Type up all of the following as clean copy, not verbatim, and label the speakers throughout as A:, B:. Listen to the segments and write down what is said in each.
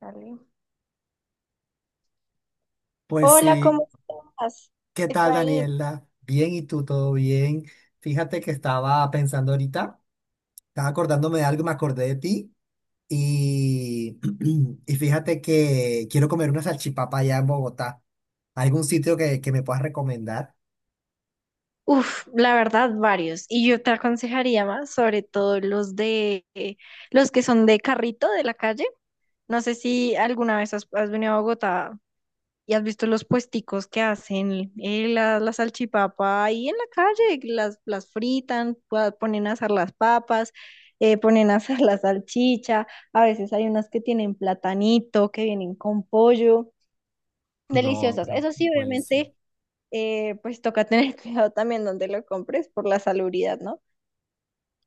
A: Dale.
B: Pues
A: Hola,
B: sí,
A: ¿cómo estás,
B: ¿qué tal
A: Efraín?
B: Daniela? Bien, ¿y tú todo bien? Fíjate que estaba pensando ahorita, estaba acordándome de algo, me acordé de ti y, y fíjate que quiero comer una salchipapa allá en Bogotá. ¿Algún sitio que me puedas recomendar?
A: Uf, la verdad, varios. Y yo te aconsejaría más, sobre todo los de los que son de carrito de la calle. No sé si alguna vez has venido a Bogotá y has visto los puesticos que hacen la salchipapa ahí en la calle, las fritan, ponen a asar las papas, ponen a asar la salchicha. A veces hay unas que tienen platanito, que vienen con pollo.
B: No,
A: Deliciosas.
B: pero
A: Eso sí,
B: buenísimo.
A: obviamente. Pues toca tener cuidado también donde lo compres por la salubridad, ¿no?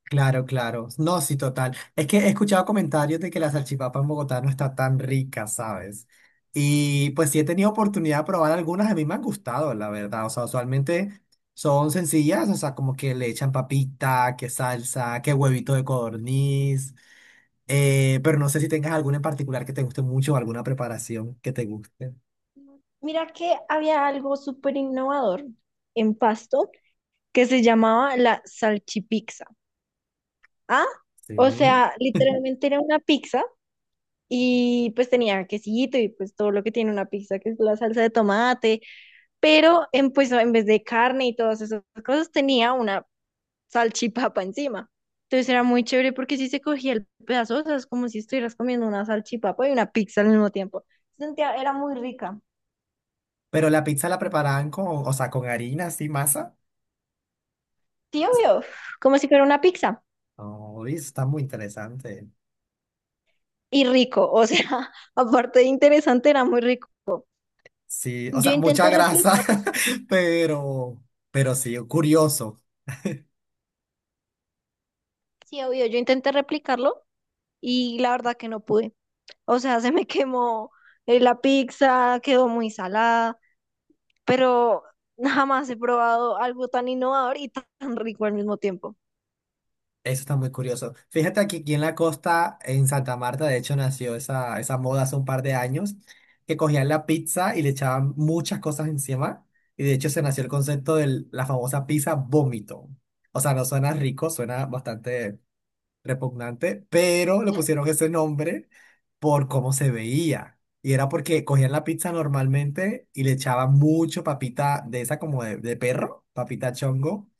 B: Claro, claro. No, sí, total. Es que he escuchado comentarios de que la salchipapa en Bogotá no está tan rica, ¿sabes? Y pues sí he tenido
A: Ujú.
B: oportunidad de probar algunas, a mí me han gustado, la verdad. O sea, usualmente son sencillas, o sea, como que le echan papita, que salsa, que huevito de codorniz. Pero no sé si tengas alguna en particular que te guste mucho o alguna preparación que te guste.
A: Mira que había algo súper innovador en Pasto que se llamaba la salchipizza. ¿Ah? O
B: Sí.
A: sea, literalmente era una pizza y pues tenía quesito y pues todo lo que tiene una pizza, que es la salsa de tomate, pero pues en vez de carne y todas esas cosas tenía una salchipapa encima. Entonces era muy chévere porque si se cogía el pedazo, o sea, es como si estuvieras comiendo una salchipapa y una pizza al mismo tiempo. Sentía, era muy rica.
B: Pero la pizza la preparaban con, o sea, con harina, así, masa.
A: Sí, obvio, como si fuera una pizza.
B: Oh, y eso está muy interesante.
A: Y rico, o sea, aparte de interesante, era muy rico.
B: Sí, o
A: Yo
B: sea, mucha
A: intenté
B: grasa,
A: replicarlo,
B: pero, pero sí, curioso.
A: sí, obvio, yo intenté replicarlo y la verdad que no pude. O sea, se me quemó la pizza, quedó muy salada, pero jamás he probado algo tan innovador y tan rico al mismo tiempo.
B: Eso está muy curioso. Fíjate aquí en la costa, en Santa Marta, de hecho, nació esa moda hace un par de años, que cogían la pizza y le echaban muchas cosas encima. Y de hecho, se nació el concepto de la famosa pizza vómito. O sea, no suena rico, suena bastante repugnante, pero le pusieron ese nombre por cómo se veía. Y era porque cogían la pizza normalmente y le echaban mucho papita de esa como de perro, papita chongo,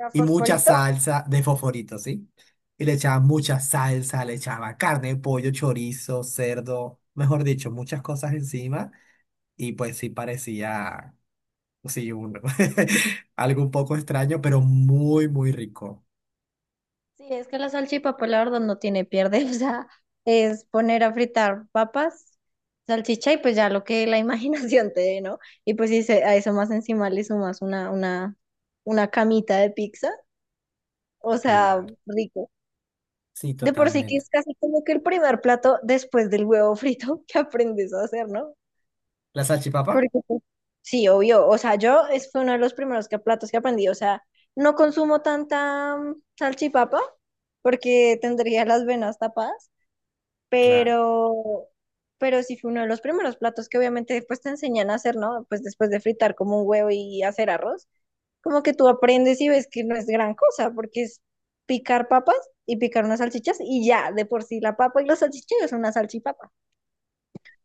A: ¿Era
B: y mucha
A: fosforito?
B: salsa de fosforito, ¿sí? Y le echaban mucha salsa, le echaban carne, pollo, chorizo, cerdo, mejor dicho, muchas cosas encima. Y pues sí parecía, sí, algo un poco extraño, pero muy, muy rico.
A: Sí, es que la salchipapa, la verdad, no tiene pierde. O sea, es poner a fritar papas, salchicha y pues ya lo que la imaginación te dé, ¿no? Y pues si a eso más encima le sumas una camita de pizza, o sea,
B: Claro,
A: rico.
B: sí,
A: De por sí que
B: totalmente.
A: es casi como que el primer plato después del huevo frito que aprendes a hacer, ¿no?
B: ¿La
A: Porque
B: salchipapa?
A: pues, sí, obvio. O sea, yo es fue uno de los primeros platos que aprendí. O sea, no consumo tanta salchipapa porque tendría las venas tapadas.
B: Claro.
A: pero, pero sí fue uno de los primeros platos que obviamente después te enseñan a hacer, ¿no? Pues después de fritar como un huevo y hacer arroz, como que tú aprendes y ves que no es gran cosa, porque es picar papas y picar unas salchichas y ya, de por sí la papa y los salchichas es una salchipapa.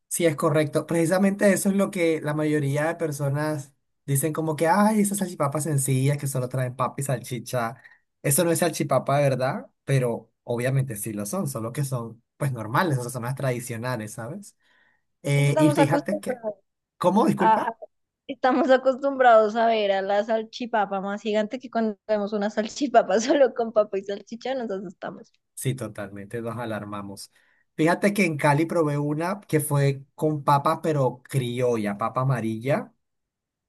B: Sí, es correcto. Precisamente eso es lo que la mayoría de personas dicen como que, ay, esas salchipapas sencillas que solo traen papa y salchicha. Eso no es salchipapa, de ¿verdad? Pero obviamente sí lo son, solo que son pues normales, o sea, son las tradicionales, ¿sabes?
A: Entonces
B: Eh, y
A: estamos
B: fíjate que,
A: acostumbrados
B: ¿Cómo?
A: a,
B: Disculpa.
A: a- estamos acostumbrados a ver a la salchipapa más gigante que cuando vemos una salchipapa solo con papa y salchicha, nosotros estamos.
B: Sí, totalmente, nos alarmamos. Fíjate que en Cali probé una que fue con papa, pero criolla, papa amarilla.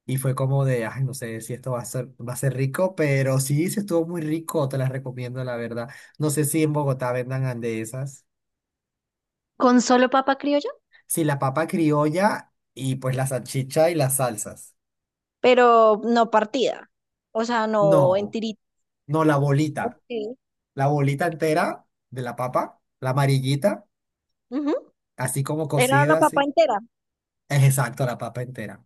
B: Y fue como de, ay, no sé si esto va a ser rico, pero sí, sí estuvo muy rico, te las recomiendo, la verdad. No sé si en Bogotá vendan andesas.
A: ¿Con solo papa criolla?
B: Sí, la papa criolla y pues la salchicha y las salsas.
A: Pero no partida, o sea,
B: No,
A: no en tirito.
B: no, la bolita.
A: Ok.
B: La bolita entera de la papa, la amarillita,
A: Ujú,
B: así como
A: era la
B: cocida,
A: papa
B: así.
A: entera.
B: Es exacto, la papa entera.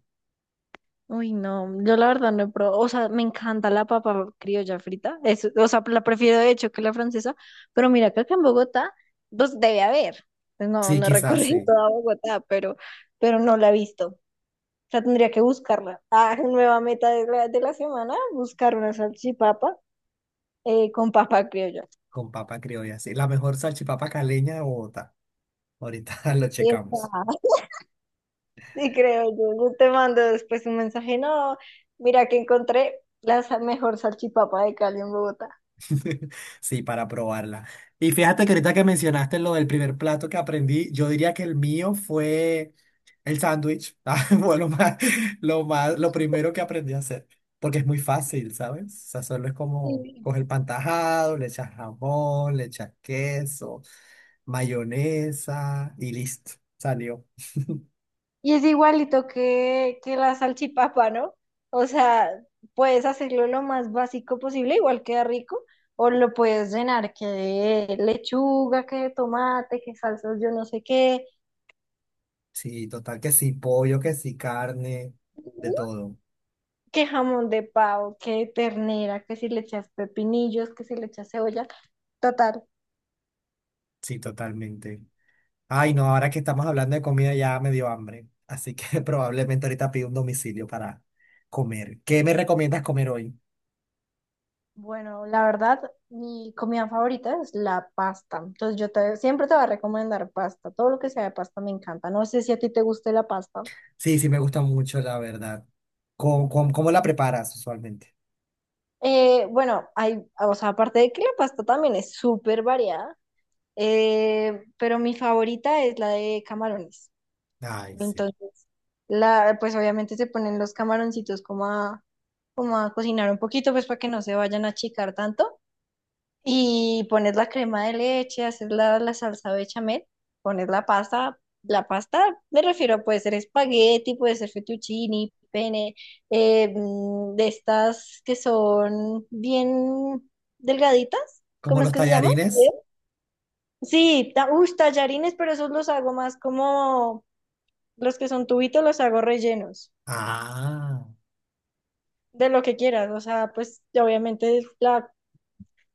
A: Uy, no, yo la verdad no he probado, o sea, me encanta la papa criolla frita, es, o sea, la prefiero de hecho que la francesa, pero mira que acá en Bogotá, pues debe haber. Pues no,
B: Sí,
A: no he
B: quizás
A: recorrido
B: sí,
A: toda Bogotá, pero no la he visto, o sea, tendría que buscarla. Ah, nueva meta de la semana, buscar una salchipapa con papa criolla.
B: con papa criolla, sí. La mejor salchipapa caleña de Bogotá. Ahorita lo
A: Y está.
B: checamos.
A: Sí, creo yo. Yo te mando después un mensaje. No, mira que encontré la mejor salchipapa de Cali en Bogotá.
B: Sí, para probarla. Y fíjate que ahorita que mencionaste lo del primer plato que aprendí, yo diría que el mío fue el sándwich. Ah, fue lo primero que aprendí a hacer, porque es muy fácil, ¿sabes? O sea, solo es como
A: Sí.
B: coger pan tajado, le echas jamón, le echas queso, mayonesa y listo, salió.
A: Y es igualito que la salchipapa, ¿no? O sea, puedes hacerlo lo más básico posible, igual queda rico, o lo puedes llenar que de lechuga, que de tomate, que salsas, yo no sé qué,
B: Sí, total que sí, pollo, que sí, carne, de todo.
A: que jamón de pavo, que ternera, que si le echas pepinillos, que si le echas cebolla. Total.
B: Sí, totalmente. Ay, no, ahora que estamos hablando de comida ya me dio hambre. Así que probablemente ahorita pido un domicilio para comer. ¿Qué me recomiendas comer hoy?
A: Bueno, la verdad, mi comida favorita es la pasta. Entonces siempre te voy a recomendar pasta. Todo lo que sea de pasta me encanta. No sé si a ti te guste la pasta.
B: Sí, sí, me gusta mucho, la verdad. ¿Cómo la preparas usualmente?
A: Bueno, hay, o sea, aparte de que la pasta también es súper variada, pero mi favorita es la de camarones.
B: Ay, sí.
A: Entonces, la, pues obviamente se ponen los camaroncitos como a cocinar un poquito, pues para que no se vayan a achicar tanto. Y pones la crema de leche, haces la salsa bechamel, pones la pasta. La pasta, me refiero, puede ser espagueti, puede ser fettuccini, pene, de estas que son bien delgaditas.
B: ¿Como
A: ¿Cómo es
B: los
A: que se llaman?
B: tallarines?
A: Sí, ta, uy, tallarines, pero esos los hago más como los que son tubitos, los hago rellenos
B: Ah,
A: de lo que quieras. O sea, pues obviamente la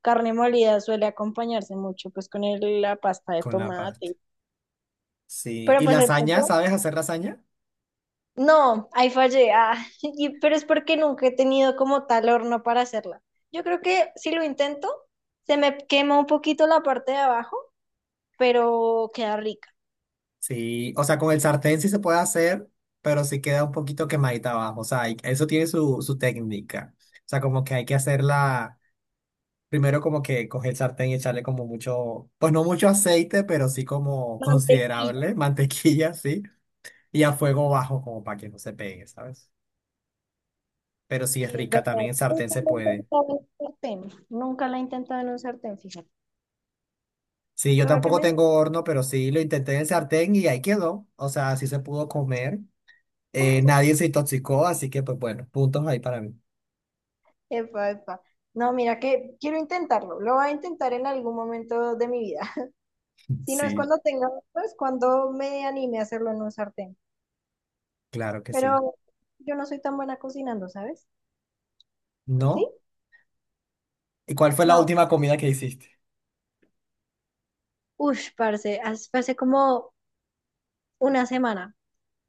A: carne molida suele acompañarse mucho pues con la pasta de
B: con la pasta.
A: tomate.
B: Sí.
A: Pero
B: ¿Y
A: pues el
B: lasaña?
A: pollo,
B: ¿Sabes hacer lasaña?
A: no, ahí fallé. Ah, pero es porque nunca he tenido como tal horno para hacerla. Yo creo que si lo intento, se me quema un poquito la parte de abajo, pero queda rica.
B: Sí, o sea, con el sartén sí se puede hacer, pero sí queda un poquito quemadita abajo. O sea, eso tiene su técnica. O sea, como que hay que hacerla. Primero como que coger el sartén y echarle como mucho, pues no mucho aceite, pero sí como
A: Mantequilla,
B: considerable, mantequilla, sí, y a fuego bajo como para que no se pegue, ¿sabes? Pero sí es
A: sí, es
B: rica,
A: verdad.
B: también en sartén
A: Nunca
B: se
A: la he
B: puede.
A: intentado en un sartén. Nunca la he intentado en un sartén, fíjate.
B: Sí, yo
A: Tuve que
B: tampoco
A: me-
B: tengo horno, pero sí lo intenté en el sartén y ahí quedó, o sea, sí se pudo comer. Nadie se intoxicó, así que pues bueno, puntos ahí para mí.
A: Epa, epa. No, mira que quiero intentarlo. Lo voy a intentar en algún momento de mi vida. Si no es
B: Sí,
A: cuando tenga, pues cuando me anime a hacerlo en un sartén.
B: claro que sí.
A: Pero yo no soy tan buena cocinando, ¿sabes? ¿Tú sí?
B: ¿No? ¿Y cuál fue la
A: No,
B: última comida que hiciste?
A: uff, parce, hace como una semana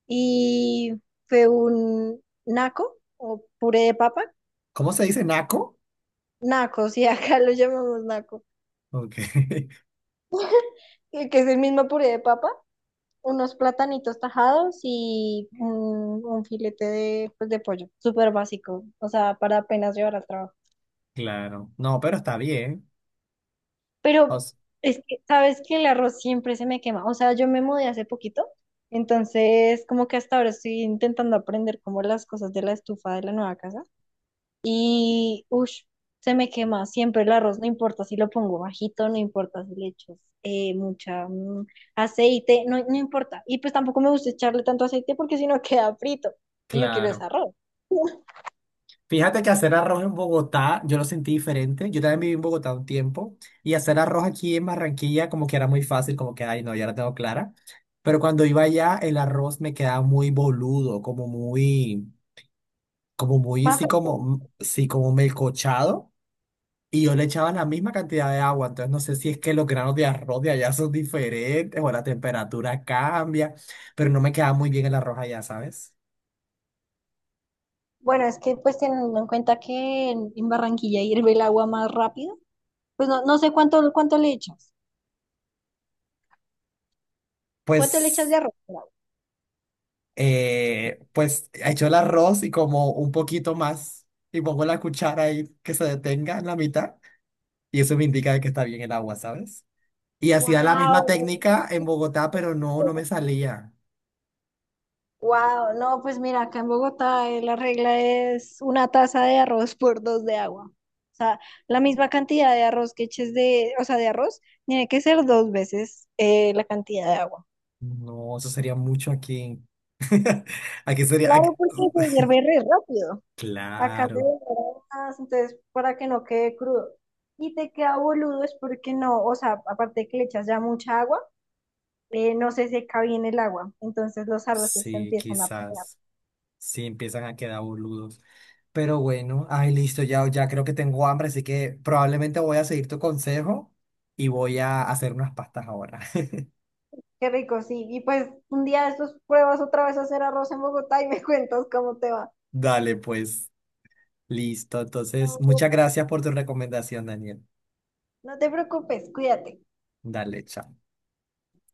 A: y fue un naco o puré de papa.
B: ¿Cómo se dice naco?
A: Naco, sí, acá lo llamamos naco.
B: Ok,
A: Que es el mismo puré de papa. Unos platanitos tajados y un filete de, pues, de pollo. Súper básico, o sea, para apenas llevar al trabajo.
B: claro. No, pero está bien. O
A: Pero es que, sabes que el arroz siempre se me quema. O sea, yo me mudé hace poquito, entonces como que hasta ahora estoy intentando aprender como las cosas de la estufa de la nueva casa. Y, uff, se me quema siempre el arroz, no importa si lo pongo bajito, no importa si le echo mucha aceite, no, no importa. Y pues tampoco me gusta echarle tanto aceite porque si no queda frito. Y yo quiero ese
B: Claro.
A: arroz.
B: Fíjate que hacer arroz en Bogotá, yo lo sentí diferente. Yo también viví en Bogotá un tiempo y hacer arroz aquí en Barranquilla como que era muy fácil, como que, ay, no, ya la tengo clara. Pero cuando iba allá, el arroz me quedaba muy boludo, como muy,
A: Más,
B: sí, como melcochado. Y yo le echaba la misma cantidad de agua. Entonces no sé si es que los granos de arroz de allá son diferentes o la temperatura cambia, pero no me quedaba muy bien el arroz allá, ¿sabes?
A: bueno, es que pues teniendo en cuenta que en Barranquilla hierve el agua más rápido. Pues no, no sé cuánto le echas. ¿Cuánto le echas
B: Pues...
A: de arroz?
B: pues echo el arroz y como un poquito más y pongo la cuchara ahí que se detenga en la mitad y eso me indica de que está bien el agua, ¿sabes? Y hacía la misma
A: Wow.
B: técnica en Bogotá, pero no, no me salía.
A: Wow, no, pues mira, acá en Bogotá la regla es una taza de arroz por dos de agua. O sea, la misma cantidad de arroz que eches de, o sea, de arroz, tiene que ser dos veces la cantidad de agua.
B: No, eso sería mucho aquí. Aquí sería...
A: Claro, porque se hierve re rápido. Acá se
B: Claro,
A: demora más, entonces para que no quede crudo. Y te queda boludo es porque no, o sea, aparte de que le echas ya mucha agua. No se seca bien el agua, entonces los arroces se
B: sí,
A: empiezan a pegar.
B: quizás. Sí, empiezan a quedar boludos. Pero bueno, ay, listo, ya creo que tengo hambre, así que probablemente voy a seguir tu consejo y voy a hacer unas pastas ahora.
A: Qué rico, sí. Y pues un día de estos pruebas otra vez a hacer arroz en Bogotá y me cuentas cómo te va.
B: Dale, pues, listo. Entonces, muchas gracias por tu recomendación, Daniel.
A: No te preocupes, cuídate.
B: Dale, chao.